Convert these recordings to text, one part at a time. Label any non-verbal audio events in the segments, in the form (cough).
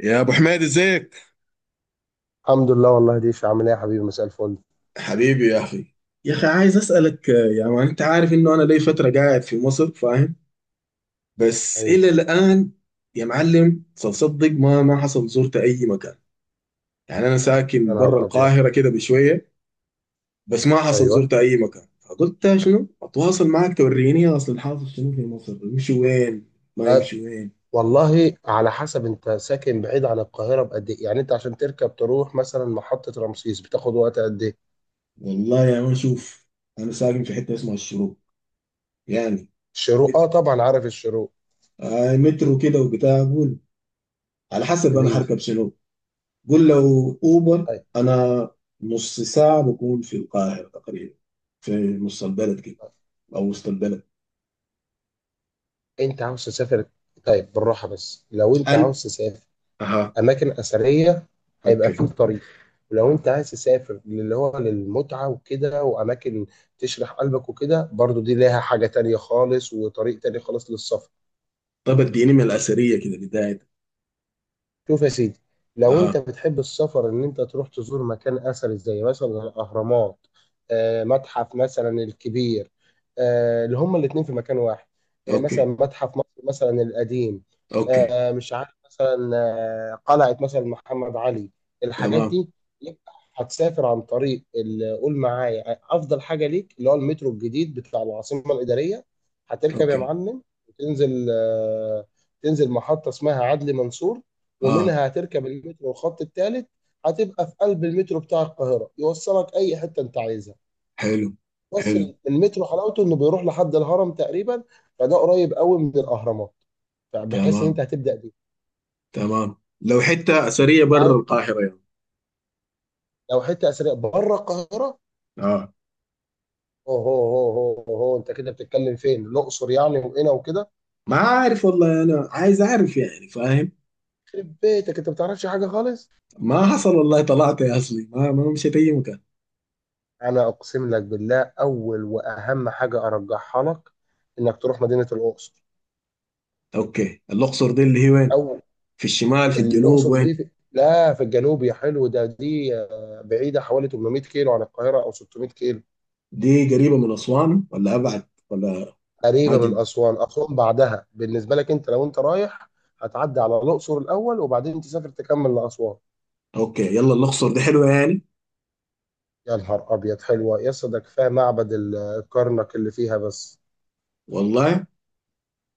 يا ابو حميد، ازيك؟ الحمد لله. والله ديش عامل ايه يا حبيبي، مساء الفل. حبيبي يا أخي. يا أخي، عايز أسألك يا مان، أنت عارف إنه أنا لي فترة قاعد في مصر، فاهم؟ بس ايوه. إلى الآن. يا معلم، تصدق ما حصل زرت أي مكان. يعني أنا يا ساكن برا نهار ابيض. القاهرة كده بشوية. بس ما حصل ايوه، زرت أي مكان، فقلت شنو أتواصل معك توريني، أصل الحاصل شنو في مصر، يمشي وين؟ ما طيب. يمشي وين؟ والله على حسب انت ساكن بعيد عن القاهره بقد ايه، يعني انت عشان تركب تروح مثلا محطه رمسيس بتاخد وقت قد ايه؟ والله يا مان، شوف. أنا ساكن في حتة اسمها الشروق. يعني. الشروق، اه مت- طبعا عارف الشروق. مترو كده وبتاع أقول. على حسب أنا جميل. حركب شنو. قول لو اوبر. طيب. انا. نص ساعه بكون في القاهره تقريبا. في نص البلد كده. طيب. او وسط البلد. انت عاوز تسافر؟ طيب، بالراحه، بس لو انت انا. عاوز تسافر اها. اماكن اثريه هيبقى اوكي. فيه طريق، ولو انت عايز تسافر اللي هو للمتعه وكده واماكن تشرح قلبك وكده برضو، دي ليها حاجه تانية خالص وطريق تاني خالص للسفر. طب اديني من الاثريه كده بدايه. شوف يا سيدي، لو انت اها. بتحب السفر ان انت تروح تزور مكان اثري زي مثلا الاهرامات، متحف مثلا الكبير، اللي هما الاتنين في مكان واحد، مثلا اوكي. متحف مصر مثلا القديم، اوكي. مش عارف مثلا، قلعة مثلا محمد علي، الحاجات تمام. دي، يبقى هتسافر عن طريق قول معايا افضل حاجة ليك اللي هو المترو الجديد بتاع العاصمة الإدارية. هتركب يا اوكي. معلم وتنزل، تنزل محطة اسمها عدلي منصور، اه. ومنها هتركب المترو الخط الثالث. هتبقى في قلب المترو بتاع القاهرة، يوصلك أي حتة أنت عايزها حلو. بس. حلو. المترو حلاوته إنه بيروح لحد الهرم تقريبا، فده قريب قوي من الأهرامات، فبحيث إن تمام. أنت هتبدأ بيه. تمام. لو حته اثريه أنت بره عايز- القاهره يعني. لو حتة أثرية بره القاهرة، اه. أوه هو هو هو أنت كده بتتكلم فين؟ الأقصر يعني وهنا وكده؟ ما عارف والله، انا عايز اعرف يعني، فاهم؟ يخرب بيتك، أنت ما بتعرفش حاجة خالص. ما حصل والله، طلعت يا اصلي ما مشيت اي مكان. أنا أقسم لك بالله، أول وأهم حاجة أرجحها لك إنك تروح مدينة الأقصر. اوكي، الاقصر دي اللي هي وين؟ أو في الشمال في الجنوب الأقصر وين؟ دي في... لا، في الجنوب يا حلو، ده دي بعيدة حوالي 800 كيلو عن القاهرة أو 600 كيلو. دي قريبة من أسوان ولا أبعد ولا؟ قريبة من معجم. أسوان. أسوان بعدها بالنسبة لك أنت، لو أنت رايح هتعدي على الأقصر الأول وبعدين تسافر تكمل لأسوان. أوكي، يلا الأقصر دي حلوة يعني؟ يا نهار أبيض، حلوة يا اسطى، ده كفاية معبد الكرنك اللي فيها بس. والله.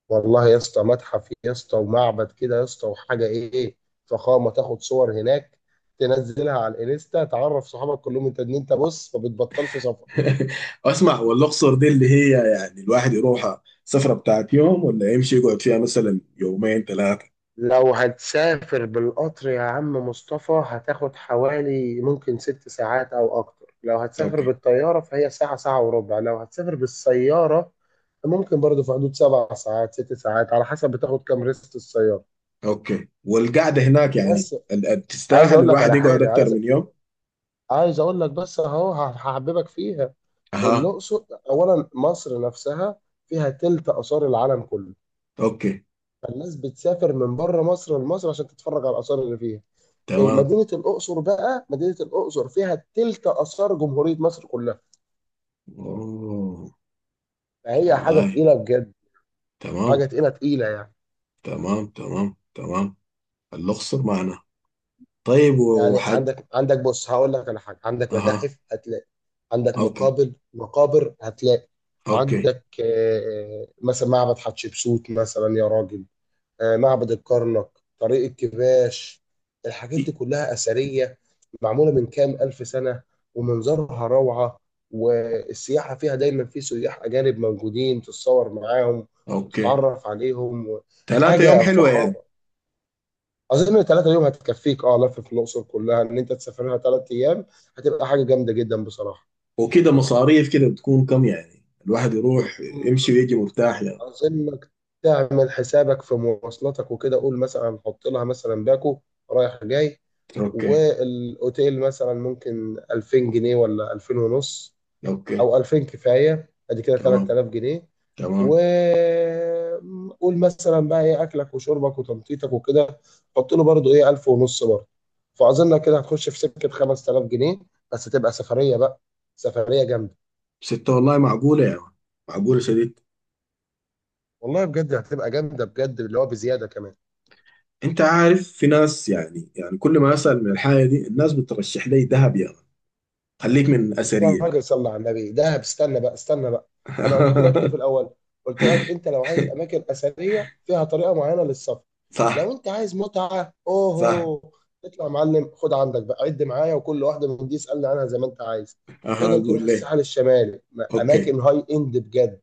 والله يا اسطى، متحف يا اسطى ومعبد كده يا اسطى، وحاجة إيه، فخامة. تاخد صور هناك تنزلها على الانستا تعرف صحابك كلهم انت، ان انت بص ما بتبطلش سفر. (laughs) أسمع، والأقصر دي اللي هي، يعني الواحد يروحها سفرة بتاعت يوم، ولا يمشي يقعد فيها مثلا يومين ثلاثة؟ لو هتسافر بالقطر يا عم مصطفى هتاخد حوالي ممكن 6 ساعات أو أكتر، لو هتسافر أوكي. بالطيارة فهي ساعة، ساعة وربع، لو هتسافر بالسيارة ممكن برضه في حدود 7 ساعات، 6 ساعات، على حسب بتاخد كام ريست السيارة. أوكي، والقعدة هناك يعني بس عايز تستاهل أقول لك الواحد على يقعد حاجة، أكتر عايز من يوم؟ عايز أقول لك بس أهو هحببك فيها. أها. الأقصر، أولا مصر نفسها فيها تلت آثار العالم كله، أوكي. فالناس بتسافر من بره مصر لمصر عشان تتفرج على الآثار اللي فيها. تمام. مدينه الاقصر بقى، مدينه الاقصر فيها تلت اثار جمهوريه مصر كلها، أوه فهي حاجه والله. تقيله بجد. حاجه تمام. تقيله تقيله يعني. تمام. تمام. تمام. الأقصر معنا. طيب يعني وحج؟ عندك بص هقول لك على حاجه، عندك أها. متاحف هتلاقي، عندك أوكي. مقابر مقابر هتلاقي، أوكي. عندك مثلا معبد حتشبسوت مثلا يا راجل، معبد الكرنك، طريق الكباش، الحاجات دي كلها أثرية معمولة من كام ألف سنة، ومنظرها روعة. والسياحة فيها دايما في سياح أجانب موجودين تتصور معاهم اوكي. وتتعرف عليهم 3 يوم حاجة حلوة يعني. فخامة. أظن 3 يوم هتكفيك، لف في الأقصر كلها، إن أنت تسافرها 3 أيام هتبقى حاجة جامدة جدا بصراحة. وكده مصاريف كده بتكون كم يعني، الواحد يروح مم. يمشي ويجي مرتاح يعني؟ أظنك تعمل حسابك في مواصلاتك وكده، قول مثلا حط لها مثلا باكو رايح جاي، اوكي. والاوتيل مثلا ممكن 2000 جنيه ولا 2000 ونص، اوكي. او 2000 كفايه، ادي كده تمام. 3000 جنيه، و تمام. قول مثلا بقى ايه اكلك وشربك وتنطيطك وكده، حط له برضه ايه 1000 ونص برضه. فاظن كده هتخش في سكه 5000 جنيه، بس تبقى سفريه بقى، سفريه جامده. ستة والله، معقولة يا يعني. معقولة شديد. والله بجد هتبقى جامده بجد، اللي هو بزياده كمان. انت عارف، في ناس يعني كل ما اسأل من الحاجة دي، الناس بترشح لي دهب يا يعني. خليك من يا أثرية. راجل، صلى على النبي دهب، استنى بقى استنى بقى، انا قلت لك ايه في الاول؟ قلت لك (laughs) انت لو عايز اماكن اثريه فيها طريقه معينه للسفر، صح. لو انت عايز متعه صح. اوهو، اطلع يا معلم خد عندك بقى، عد معايا وكل واحده من دي اسالني عنها زي ما انت عايز. اها، تقدر تروح اقول ليه؟ الساحل الشمالي، اوكي. اماكن هاي اند بجد،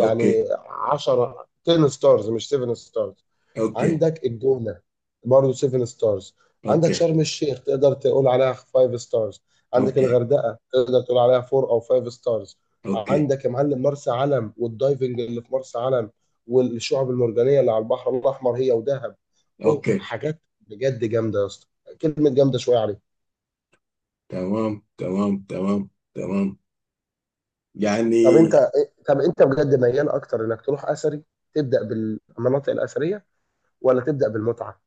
اوكي. 10 10 ستارز مش 7 ستارز. اوكي. عندك الجونة برضه 7 ستارز. عندك اوكي. شرم الشيخ تقدر تقول عليها 5 ستارز. عندك اوكي. الغردقة تقدر تقول عليها 4 أو 5 ستارز. اوكي. عندك يا معلم مرسى علم والدايفنج اللي في مرسى علم، والشعب المرجانية اللي على البحر الأحمر هي ودهب، أوه اوكي. حاجات بجد جامدة يا اسطى. كلمة جامدة شوية عليك. تمام. تمام. تمام. تمام. طب يعني. أنت طب أنت بجد ميال أكتر إنك تروح أثري تبدأ بالمناطق الأثرية ولا تبدأ بالمتعة؟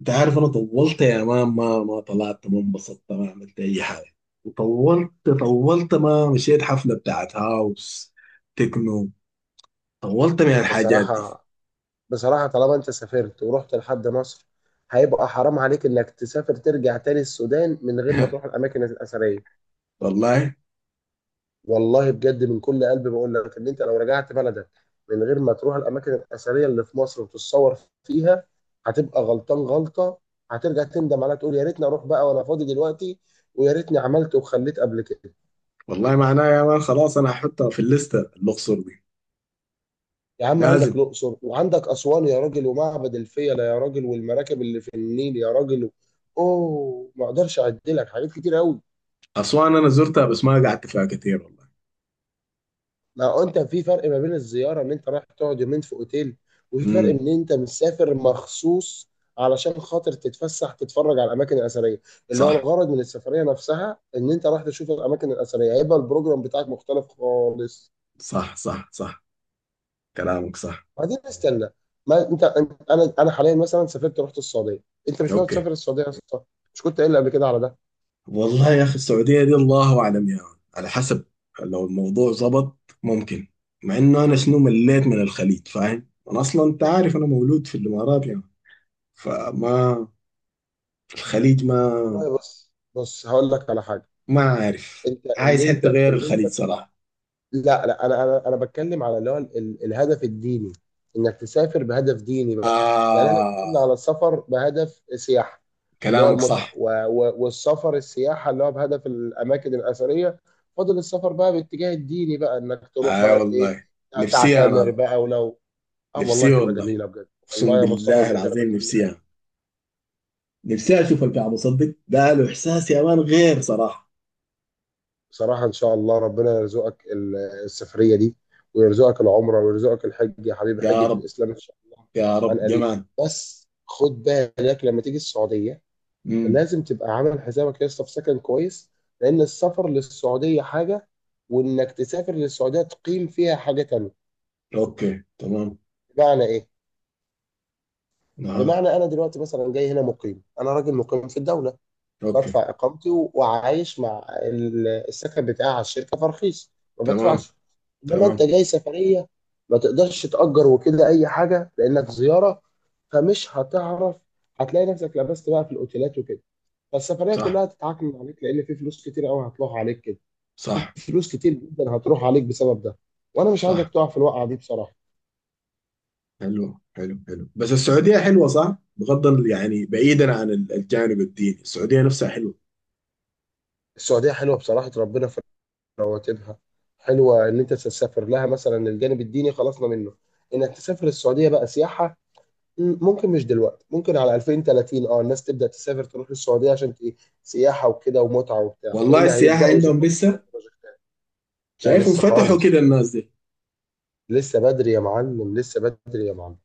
انت عارف، انا طولت يا مان، ما طلعت، ما انبسطت، ما عملت اي حاجه. وطولت. طولت ما مشيت حفله بتاعت هاوس. تكنو. طولت من الحاجات دي. بصراحة بصراحة طالما انت سافرت ورحت لحد مصر، هيبقى حرام عليك انك تسافر ترجع تاني السودان من غير ما تروح (laughs) الاماكن الاثرية. والله. والله بجد من كل قلبي بقول لك ان انت لو رجعت بلدك من غير ما تروح الاماكن الاثرية اللي في مصر وتتصور فيها، هتبقى غلطان غلطة. هترجع تندم عليها تقول يا ريتني اروح بقى وانا فاضي دلوقتي، ويا ريتني عملت وخليت قبل كده. والله، معناها يا مان، خلاص انا هحطها في الليسته، الاقصر دي. يا عم عندك لازم. الاقصر وعندك اسوان يا راجل، ومعبد الفيلة يا راجل، والمراكب اللي في النيل يا راجل، اوه ما اقدرش اعد لك حاجات كتير قوي. اسوان انا زرتها بس ما قعدت فيها كتير والله. ما هو انت، في فرق ما بين الزياره ان انت رايح تقعد يومين في اوتيل، وفي فرق امم. ان انت مسافر مخصوص علشان خاطر تتفسح تتفرج على الاماكن الاثريه، اللي هو صح. الغرض من السفريه نفسها. ان انت رايح تشوف الاماكن الاثريه، هيبقى البروجرام بتاعك مختلف خالص. صح. صح. صح، كلامك صح. بعدين استنى، ما انت انت- انا حاليا مثلا سافرت رحت السعوديه. انت مش ناوي اوكي. تسافر السعوديه يا اسطى؟ مش كنت قايل لي قبل كده على ده؟ والله يا اخي، السعوديه دي الله اعلم يا مان. على حسب. لو الموضوع ظبط. ممكن. مع انه انا شنو، مليت من الخليج، فاهم، انا اصلا انت عارف انا مولود في الامارات يعني. فما. في الخليج ما. والله بص بص هقول لك على حاجه، ما عارف. انت ان عايز انت حته غير ان انت الخليج صراحه. لا لا، انا بتكلم على اللي هو الهدف الديني، انك تسافر بهدف ديني بقى. يعني احنا آه. اتكلمنا على السفر بهدف سياحه، اللي هو كلامك المتعه، صح. و و والسفر السياحه اللي هو بهدف الاماكن الاثريه. فاضل السفر بقى باتجاه الديني بقى، انك تروح اي آه بقى ايه، والله. نفسي انا تعتمر والله. بقى ولو. اه والله، نفسي تبقى والله. جميله بجد والله اقسم يا مصطفى، بالله بجد انا العظيم، النفسيه نفسي بتمنى انا. نفسي اشوف الكعبه، صدق ده له احساس يا مان غير صراحه. بصراحة إن شاء الله ربنا يرزقك السفرية دي، ويرزقك العمرة ويرزقك الحج يا حبيبي، يا حجة رب. الإسلام إن شاء الله، يا رب عن قريب. جمال. بس خد بالك لما تيجي السعودية مم. لازم تبقى عامل حسابك يا اسطى في سكن كويس، لأن السفر للسعودية حاجة، وإنك تسافر للسعودية تقيم فيها حاجة تانية. اوكي. تمام. بمعنى إيه؟ نعم. بمعنى أنا دلوقتي مثلا جاي هنا مقيم، أنا راجل مقيم في الدولة، اوكي. بدفع إقامتي، وعايش مع السكن بتاعي على الشركة، فرخيص، ما تمام. بدفعش. إنما أنت تمام. جاي سفرية، ما تقدرش تأجر وكده أي حاجة لأنك زيارة، فمش هتعرف. هتلاقي نفسك لبست بقى في الأوتيلات وكده، فالسفرية صح. كلها هتتعكم عليك، لأن في فلوس كتير أوي هتروح عليك كده، في صح. فلوس كتير جدا هتروح عليك بسبب ده، وأنا مش عايزك صح. تقع في الوقعة دي بصراحة. حلو. حلو. حلو. بس السعودية حلوة صح؟ بغض يعني، بعيدا عن الجانب الديني، السعودية نفسها حلوة. السعودية حلوة بصراحة، ربنا، رواتبها حلوه ان انت تسافر لها مثلا. الجانب الديني خلصنا منه، انك تسافر السعوديه بقى سياحه، ممكن مش دلوقتي، ممكن على 2030، الناس تبدا تسافر تروح للسعوديه عشان سياحه وكده ومتعه وبتاع، والله لان السياحة هيبداوا عندهم يظبطوا شويه لسه. بروجكتات. لا شايفهم لسه فتحوا كده خالص، الناس دي. لسه بدري يا معلم، لسه بدري يا معلم،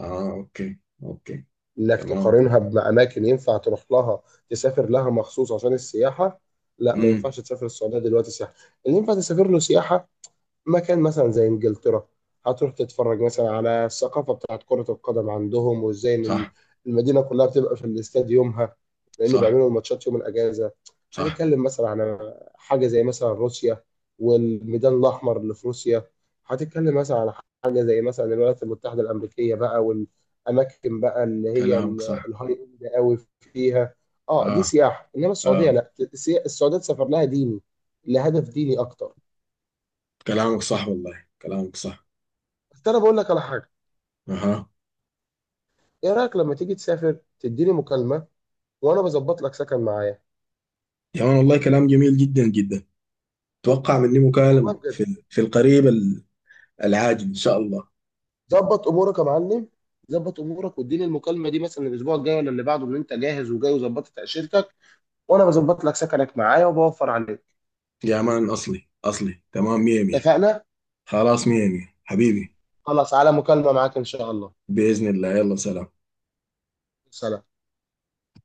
اه. اوكي. اوكي. انك تمام. تقارنها باماكن ينفع تروح لها، تسافر لها مخصوص عشان السياحه. لا ما امم. ينفعش تسافر السعوديه دلوقتي سياحه، اللي ينفع تسافر له سياحه مكان مثلا زي انجلترا. هتروح تتفرج مثلا على الثقافه بتاعت كره القدم عندهم، وازاي ان صح. المدينه كلها بتبقى في الاستاد يومها، لان صح. بيعملوا الماتشات يوم الاجازه. صح. هتتكلم مثلا على حاجه زي مثلا روسيا، والميدان الاحمر اللي في روسيا. هتتكلم مثلا على حاجه زي مثلا الولايات المتحده الامريكيه بقى، والاماكن بقى اللي هي كلامك صح. الهاي اند قوي فيها. اه دي اه. سياحه، انما السعوديه اه. لا، السعوديه سافر لها ديني، لهدف ديني اكتر. كلامك صح، والله كلامك صح. بس انا بقول لك على حاجه، اها. ايه رايك لما تيجي تسافر تديني مكالمه وانا بظبط لك سكن معايا؟ يا مان، والله كلام جميل جدا جدا. اتوقع مني والله مكالمة بجد، في القريب. العاجل ان شاء الله. ظبط امورك يا معلم، ظبط امورك واديني المكالمه دي مثلا الاسبوع الجاي ولا اللي بعده، ان انت جاهز وجاي وظبطت تاشيرتك، وانا بظبط لك سكنك معايا وبوفر عليك. يا مان، اصلي اصلي تمام، مية مية. اتفقنا. خلاص، مية مية حبيبي. خلاص، على مكالمه معاك ان شاء الله. باذن الله، يلا سلام. سلام.